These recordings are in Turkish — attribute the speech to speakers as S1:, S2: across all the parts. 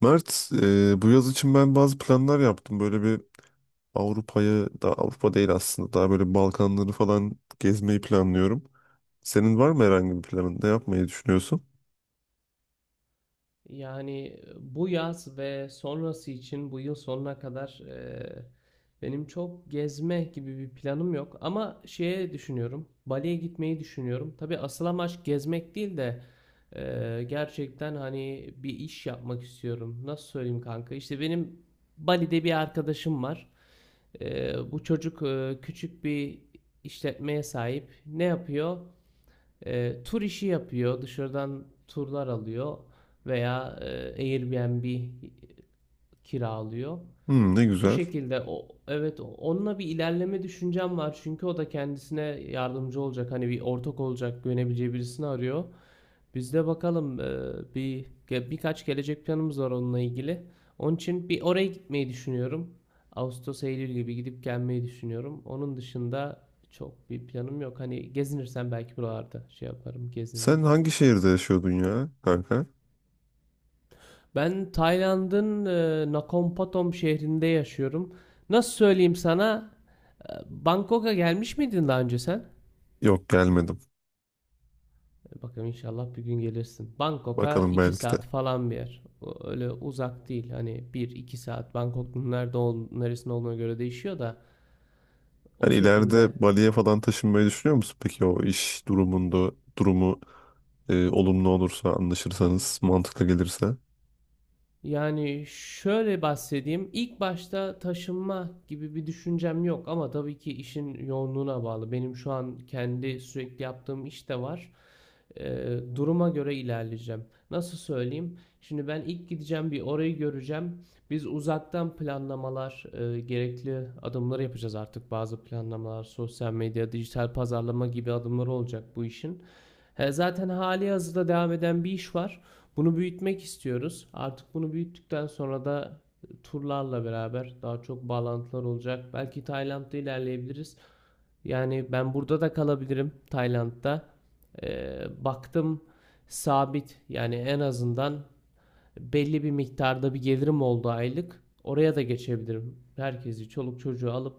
S1: Mert, bu yaz için ben bazı planlar yaptım. Böyle bir Avrupa'yı, da Avrupa değil aslında, daha böyle Balkanları falan gezmeyi planlıyorum. Senin var mı herhangi bir planın? Ne yapmayı düşünüyorsun?
S2: Yani bu yaz ve sonrası için bu yıl sonuna kadar benim çok gezme gibi bir planım yok. Ama şeye düşünüyorum. Bali'ye gitmeyi düşünüyorum. Tabii asıl amaç gezmek değil de gerçekten hani bir iş yapmak istiyorum. Nasıl söyleyeyim kanka? İşte benim Bali'de bir arkadaşım var. Bu çocuk küçük bir işletmeye sahip. Ne yapıyor? Tur işi yapıyor, dışarıdan turlar alıyor veya Airbnb kiralıyor.
S1: Hmm, ne
S2: Bu
S1: güzel.
S2: şekilde evet, onunla bir ilerleme düşüncem var çünkü o da kendisine yardımcı olacak, hani bir ortak olacak, güvenebileceği birisini arıyor. Biz de bakalım, birkaç gelecek planımız var onunla ilgili. Onun için bir oraya gitmeyi düşünüyorum. Ağustos Eylül gibi gidip gelmeyi düşünüyorum. Onun dışında çok bir planım yok. Hani gezinirsem belki buralarda şey yaparım, gezinirim.
S1: Sen hangi şehirde yaşıyordun ya kanka?
S2: Ben Tayland'ın Nakhon Pathom şehrinde yaşıyorum. Nasıl söyleyeyim sana? Bangkok'a gelmiş miydin daha önce sen?
S1: Yok gelmedim.
S2: Bakalım inşallah bir gün gelirsin. Bangkok'a
S1: Bakalım
S2: 2
S1: belki de.
S2: saat falan bir yer. Öyle uzak değil. Hani bir iki saat. Bangkok'un neresinde olduğuna göre değişiyor da o
S1: Hani
S2: şekilde.
S1: ileride Bali'ye falan taşınmayı düşünüyor musun? Peki o iş durumu olumlu olursa, anlaşırsanız, mantıklı gelirse.
S2: Yani şöyle bahsedeyim. İlk başta taşınma gibi bir düşüncem yok ama tabii ki işin yoğunluğuna bağlı. Benim şu an kendi sürekli yaptığım iş de var. Duruma göre ilerleyeceğim. Nasıl söyleyeyim? Şimdi ben ilk gideceğim, bir orayı göreceğim. Biz uzaktan planlamalar, gerekli adımları yapacağız artık. Bazı planlamalar, sosyal medya, dijital pazarlama gibi adımları olacak bu işin. He, zaten hali hazırda devam eden bir iş var. Bunu büyütmek istiyoruz. Artık bunu büyüttükten sonra da turlarla beraber daha çok bağlantılar olacak. Belki Tayland'da ilerleyebiliriz. Yani ben burada da kalabilirim, Tayland'da. Baktım sabit, yani en azından belli bir miktarda bir gelirim oldu aylık, oraya da geçebilirim. Herkesi, çoluk çocuğu alıp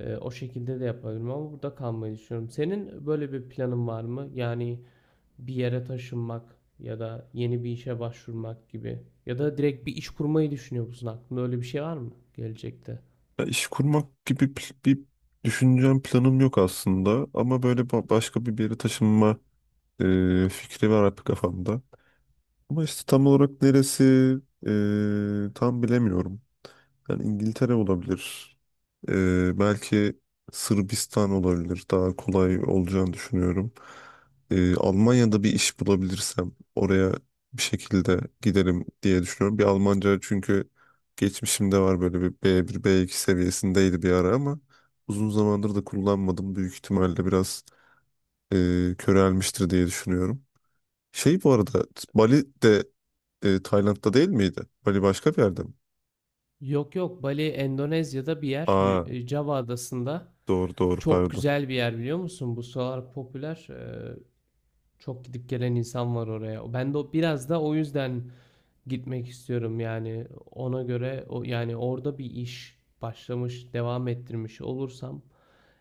S2: o şekilde de yapabilirim ama burada kalmayı düşünüyorum. Senin böyle bir planın var mı? Yani bir yere taşınmak ya da yeni bir işe başvurmak gibi ya da direkt bir iş kurmayı düşünüyor musun? Aklında öyle bir şey var mı gelecekte?
S1: Ya iş kurmak gibi bir düşüncem, planım yok aslında. Ama böyle başka bir yere taşınma fikri var hep kafamda. Ama işte tam olarak neresi tam bilemiyorum. Yani İngiltere olabilir. Belki Sırbistan olabilir. Daha kolay olacağını düşünüyorum. Almanya'da bir iş bulabilirsem oraya bir şekilde giderim diye düşünüyorum. Bir Almanca çünkü geçmişimde var böyle bir B1, B2 seviyesindeydi bir ara ama uzun zamandır da kullanmadım. Büyük ihtimalle biraz körelmiştir diye düşünüyorum. Şey bu arada Bali de Tayland'da değil miydi? Bali başka bir yerde mi?
S2: Yok yok, Bali Endonezya'da bir yer,
S1: Aa,
S2: Java adasında.
S1: doğru doğru,
S2: Çok
S1: pardon.
S2: güzel bir yer, biliyor musun? Bu sıralar popüler, çok gidip gelen insan var oraya. Ben de biraz da o yüzden gitmek istiyorum. Yani ona göre, o yani orada bir iş başlamış, devam ettirmiş olursam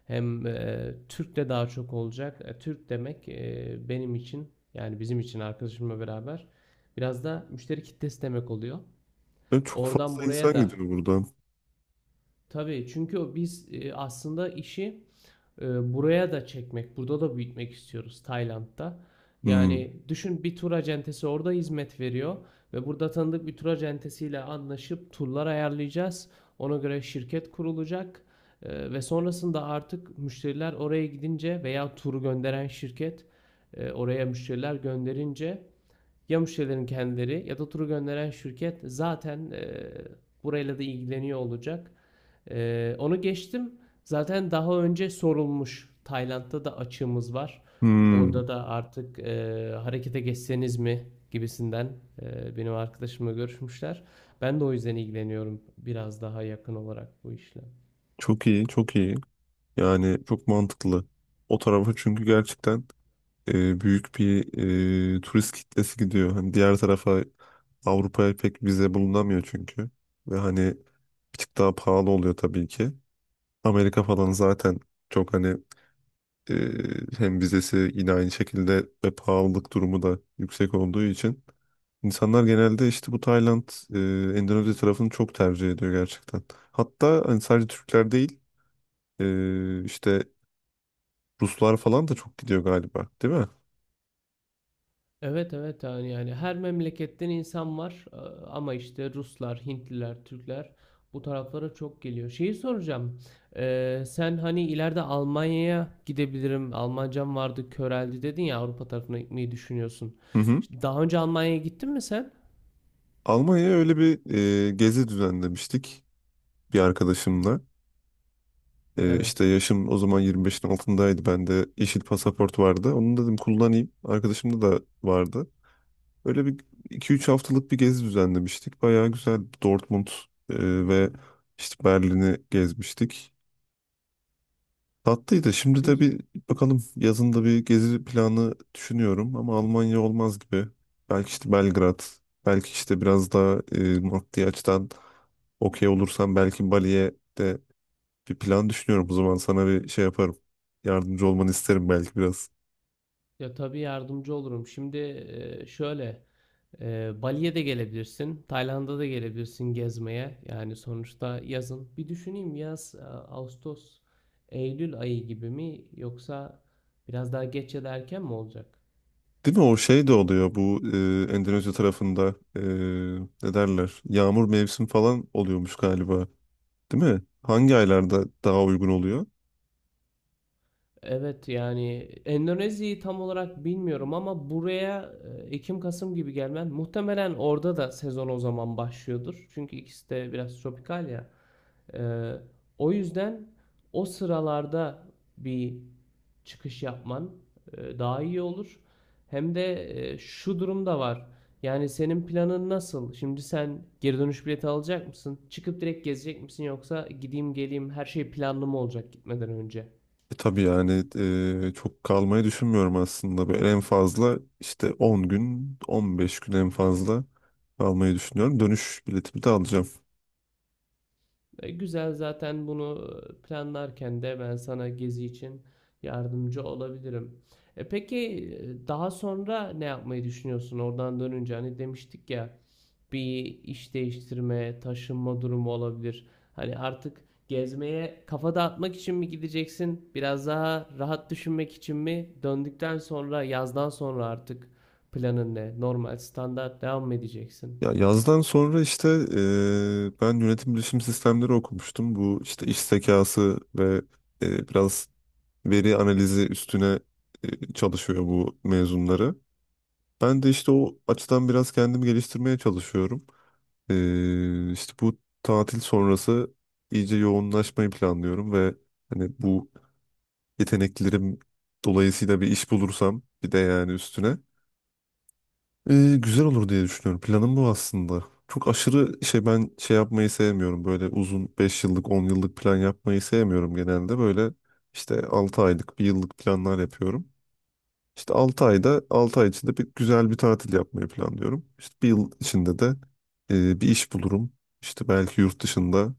S2: hem Türk de daha çok olacak. Türk demek, benim için, yani bizim için arkadaşımla beraber biraz da müşteri kitlesi demek oluyor.
S1: Ya çok
S2: Oradan
S1: fazla
S2: buraya
S1: insan
S2: da
S1: gidiyor buradan.
S2: tabii, çünkü biz aslında işi buraya da çekmek, burada da büyütmek istiyoruz Tayland'da.
S1: Hmm.
S2: Yani düşün, bir tur acentesi orada hizmet veriyor ve burada tanıdık bir tur acentesiyle anlaşıp turlar ayarlayacağız. Ona göre şirket kurulacak. Ve sonrasında artık müşteriler oraya gidince veya turu gönderen şirket oraya müşteriler gönderince, ya müşterilerin kendileri ya da turu gönderen şirket zaten burayla da ilgileniyor olacak. Onu geçtim. Zaten daha önce sorulmuş, Tayland'da da açığımız var.
S1: Hmm.
S2: Orada da artık harekete geçseniz mi gibisinden benim arkadaşımla görüşmüşler. Ben de o yüzden ilgileniyorum biraz daha yakın olarak bu işle.
S1: Çok iyi, çok iyi. Yani çok mantıklı. O tarafa çünkü gerçekten büyük bir turist kitlesi gidiyor. Hani diğer tarafa Avrupa'ya pek vize bulunamıyor çünkü. Ve hani bir tık daha pahalı oluyor tabii ki. Amerika falan zaten çok hani e, hem vizesi yine aynı şekilde ve pahalılık durumu da yüksek olduğu için İnsanlar genelde işte bu Tayland, Endonezya tarafını çok tercih ediyor gerçekten. Hatta hani sadece Türkler değil, işte Ruslar falan da çok gidiyor galiba, değil mi?
S2: Evet, evet, yani, yani her memleketten insan var. Ama işte Ruslar, Hintliler, Türkler bu taraflara çok geliyor. Şeyi soracağım. Sen hani ileride Almanya'ya gidebilirim, Almancam vardı, köreldi dedin ya, Avrupa tarafına gitmeyi düşünüyorsun.
S1: Hı hı.
S2: İşte daha önce Almanya'ya gittin mi sen?
S1: Almanya'ya öyle bir gezi düzenlemiştik bir arkadaşımla. E, işte
S2: Evet.
S1: yaşım o zaman 25'in altındaydı. Bende yeşil pasaport vardı. Onu dedim kullanayım. Arkadaşımda da vardı. Öyle bir 2-3 haftalık bir gezi düzenlemiştik. Bayağı güzel Dortmund ve işte Berlin'i gezmiştik. Tatlıydı. Şimdi de
S2: Güz,
S1: bir bakalım, yazında bir gezi planı düşünüyorum ama Almanya olmaz gibi. Belki işte Belgrad, belki işte biraz daha maddi açıdan okey olursam belki Bali'ye de bir plan düşünüyorum. O zaman sana bir şey yaparım. Yardımcı olmanı isterim belki biraz.
S2: ya tabii yardımcı olurum. Şimdi şöyle, Bali'ye de gelebilirsin, Tayland'a da gelebilirsin gezmeye. Yani sonuçta yazın. Bir düşüneyim, yaz, Ağustos, Eylül ayı gibi mi, yoksa biraz daha geç ya da erken mi olacak?
S1: Değil mi? O şey de oluyor bu Endonezya tarafında ne derler? Yağmur mevsim falan oluyormuş galiba. Değil mi? Hangi aylarda daha uygun oluyor?
S2: Evet, yani Endonezya'yı tam olarak bilmiyorum ama buraya Ekim Kasım gibi gelmen muhtemelen, orada da sezon o zaman başlıyordur. Çünkü ikisi de biraz tropikal ya. Ee, O yüzden o sıralarda bir çıkış yapman daha iyi olur. Hem de şu durum da var. Yani senin planın nasıl? Şimdi sen geri dönüş bileti alacak mısın? Çıkıp direkt gezecek misin, yoksa gideyim geleyim, her şey planlı mı olacak gitmeden önce?
S1: Tabii yani çok kalmayı düşünmüyorum aslında. Böyle en fazla işte 10 gün, 15 gün en fazla kalmayı düşünüyorum. Dönüş biletimi de alacağım.
S2: Güzel, zaten bunu planlarken de ben sana gezi için yardımcı olabilirim. E peki, daha sonra ne yapmayı düşünüyorsun oradan dönünce? Hani demiştik ya, bir iş değiştirme, taşınma durumu olabilir. Hani artık gezmeye, kafa dağıtmak için mi gideceksin? Biraz daha rahat düşünmek için mi? Döndükten sonra, yazdan sonra artık planın ne? Normal standart devam mı edeceksin?
S1: Ya yazdan sonra işte ben yönetim bilişim sistemleri okumuştum. Bu işte iş zekası ve biraz veri analizi üstüne çalışıyor bu mezunları. Ben de işte o açıdan biraz kendimi geliştirmeye çalışıyorum. İşte bu tatil sonrası iyice yoğunlaşmayı planlıyorum ve hani bu yeteneklerim dolayısıyla bir iş bulursam bir de yani üstüne güzel olur diye düşünüyorum. Planım bu aslında. Çok aşırı şey ben şey yapmayı sevmiyorum. Böyle uzun 5 yıllık 10 yıllık plan yapmayı sevmiyorum genelde. Böyle işte 6 aylık bir yıllık planlar yapıyorum. İşte 6 ayda 6 ay içinde bir güzel bir tatil yapmayı planlıyorum. İşte bir yıl içinde de bir iş bulurum. İşte belki yurt dışında,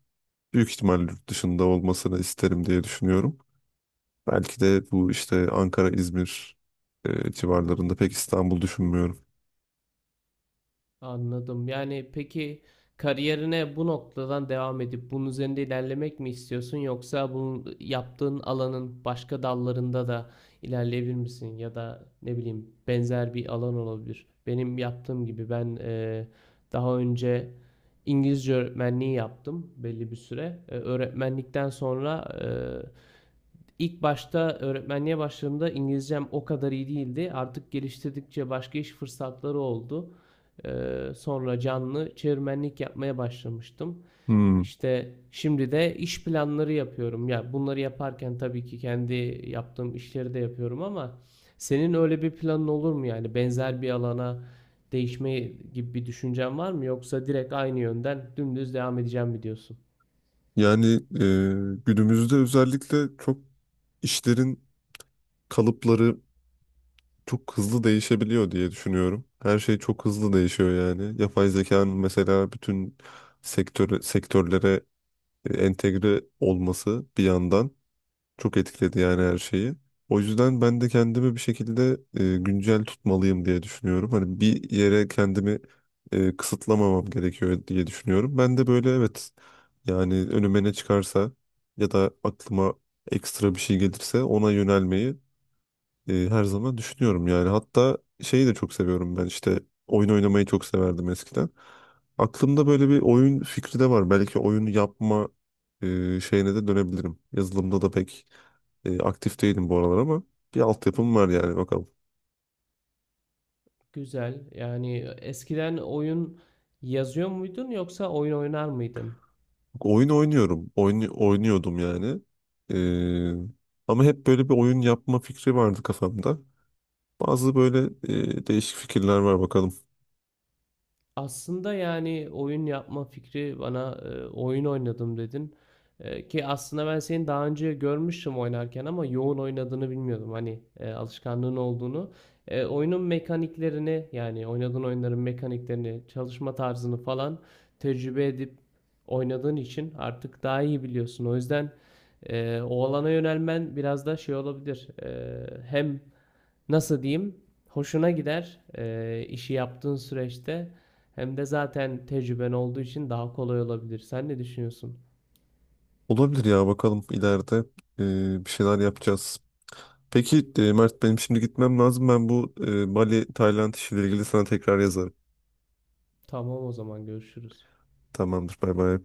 S1: büyük ihtimalle yurt dışında olmasını isterim diye düşünüyorum. Belki de bu işte Ankara, İzmir civarlarında, pek İstanbul düşünmüyorum.
S2: Anladım. Yani peki, kariyerine bu noktadan devam edip bunun üzerinde ilerlemek mi istiyorsun, yoksa bu yaptığın alanın başka dallarında da ilerleyebilir misin, ya da ne bileyim, benzer bir alan olabilir. Benim yaptığım gibi. Ben daha önce İngilizce öğretmenliği yaptım belli bir süre. E, öğretmenlikten sonra, İlk başta öğretmenliğe başladığımda İngilizcem o kadar iyi değildi. Artık geliştirdikçe başka iş fırsatları oldu. Sonra canlı çevirmenlik yapmaya başlamıştım.
S1: Hmm.
S2: İşte şimdi de iş planları yapıyorum. Ya bunları yaparken tabii ki kendi yaptığım işleri de yapıyorum ama senin öyle bir planın olur mu, yani benzer bir alana değişme gibi bir düşüncen var mı, yoksa direkt aynı yönden dümdüz devam edeceğim mi diyorsun?
S1: Yani günümüzde özellikle çok işlerin kalıpları çok hızlı değişebiliyor diye düşünüyorum. Her şey çok hızlı değişiyor yani. Yapay zekanın mesela bütün sektörlere entegre olması bir yandan çok etkiledi yani her şeyi. O yüzden ben de kendimi bir şekilde güncel tutmalıyım diye düşünüyorum. Hani bir yere kendimi kısıtlamamam gerekiyor diye düşünüyorum. Ben de böyle, evet, yani önüme ne çıkarsa ya da aklıma ekstra bir şey gelirse ona yönelmeyi her zaman düşünüyorum yani. Hatta şeyi de çok seviyorum ben, işte oyun oynamayı çok severdim eskiden. Aklımda böyle bir oyun fikri de var. Belki oyun yapma şeyine de dönebilirim. Yazılımda da pek aktif değilim bu aralar ama bir altyapım var yani, bakalım.
S2: Güzel. Yani eskiden oyun yazıyor muydun, yoksa oyun oynar mıydın?
S1: Oyun oynuyorum. Oyun, oynuyordum yani. E, ama hep böyle bir oyun yapma fikri vardı kafamda. Bazı böyle değişik fikirler var, bakalım.
S2: Aslında yani oyun yapma fikri bana, oyun oynadım dedin. E, ki aslında ben seni daha önce görmüştüm oynarken ama yoğun oynadığını bilmiyordum. Hani alışkanlığın olduğunu. E, oyunun mekaniklerini, yani oynadığın oyunların mekaniklerini, çalışma tarzını falan tecrübe edip oynadığın için artık daha iyi biliyorsun. O yüzden o alana yönelmen biraz da şey olabilir. E, hem nasıl diyeyim, hoşuna gider işi yaptığın süreçte, hem de zaten tecrüben olduğu için daha kolay olabilir. Sen ne düşünüyorsun?
S1: Olabilir ya, bakalım ileride bir şeyler yapacağız. Peki Mert, benim şimdi gitmem lazım. Ben bu Bali, Tayland işiyle ilgili sana tekrar yazarım.
S2: Tamam, o zaman görüşürüz.
S1: Tamamdır. Bay bay.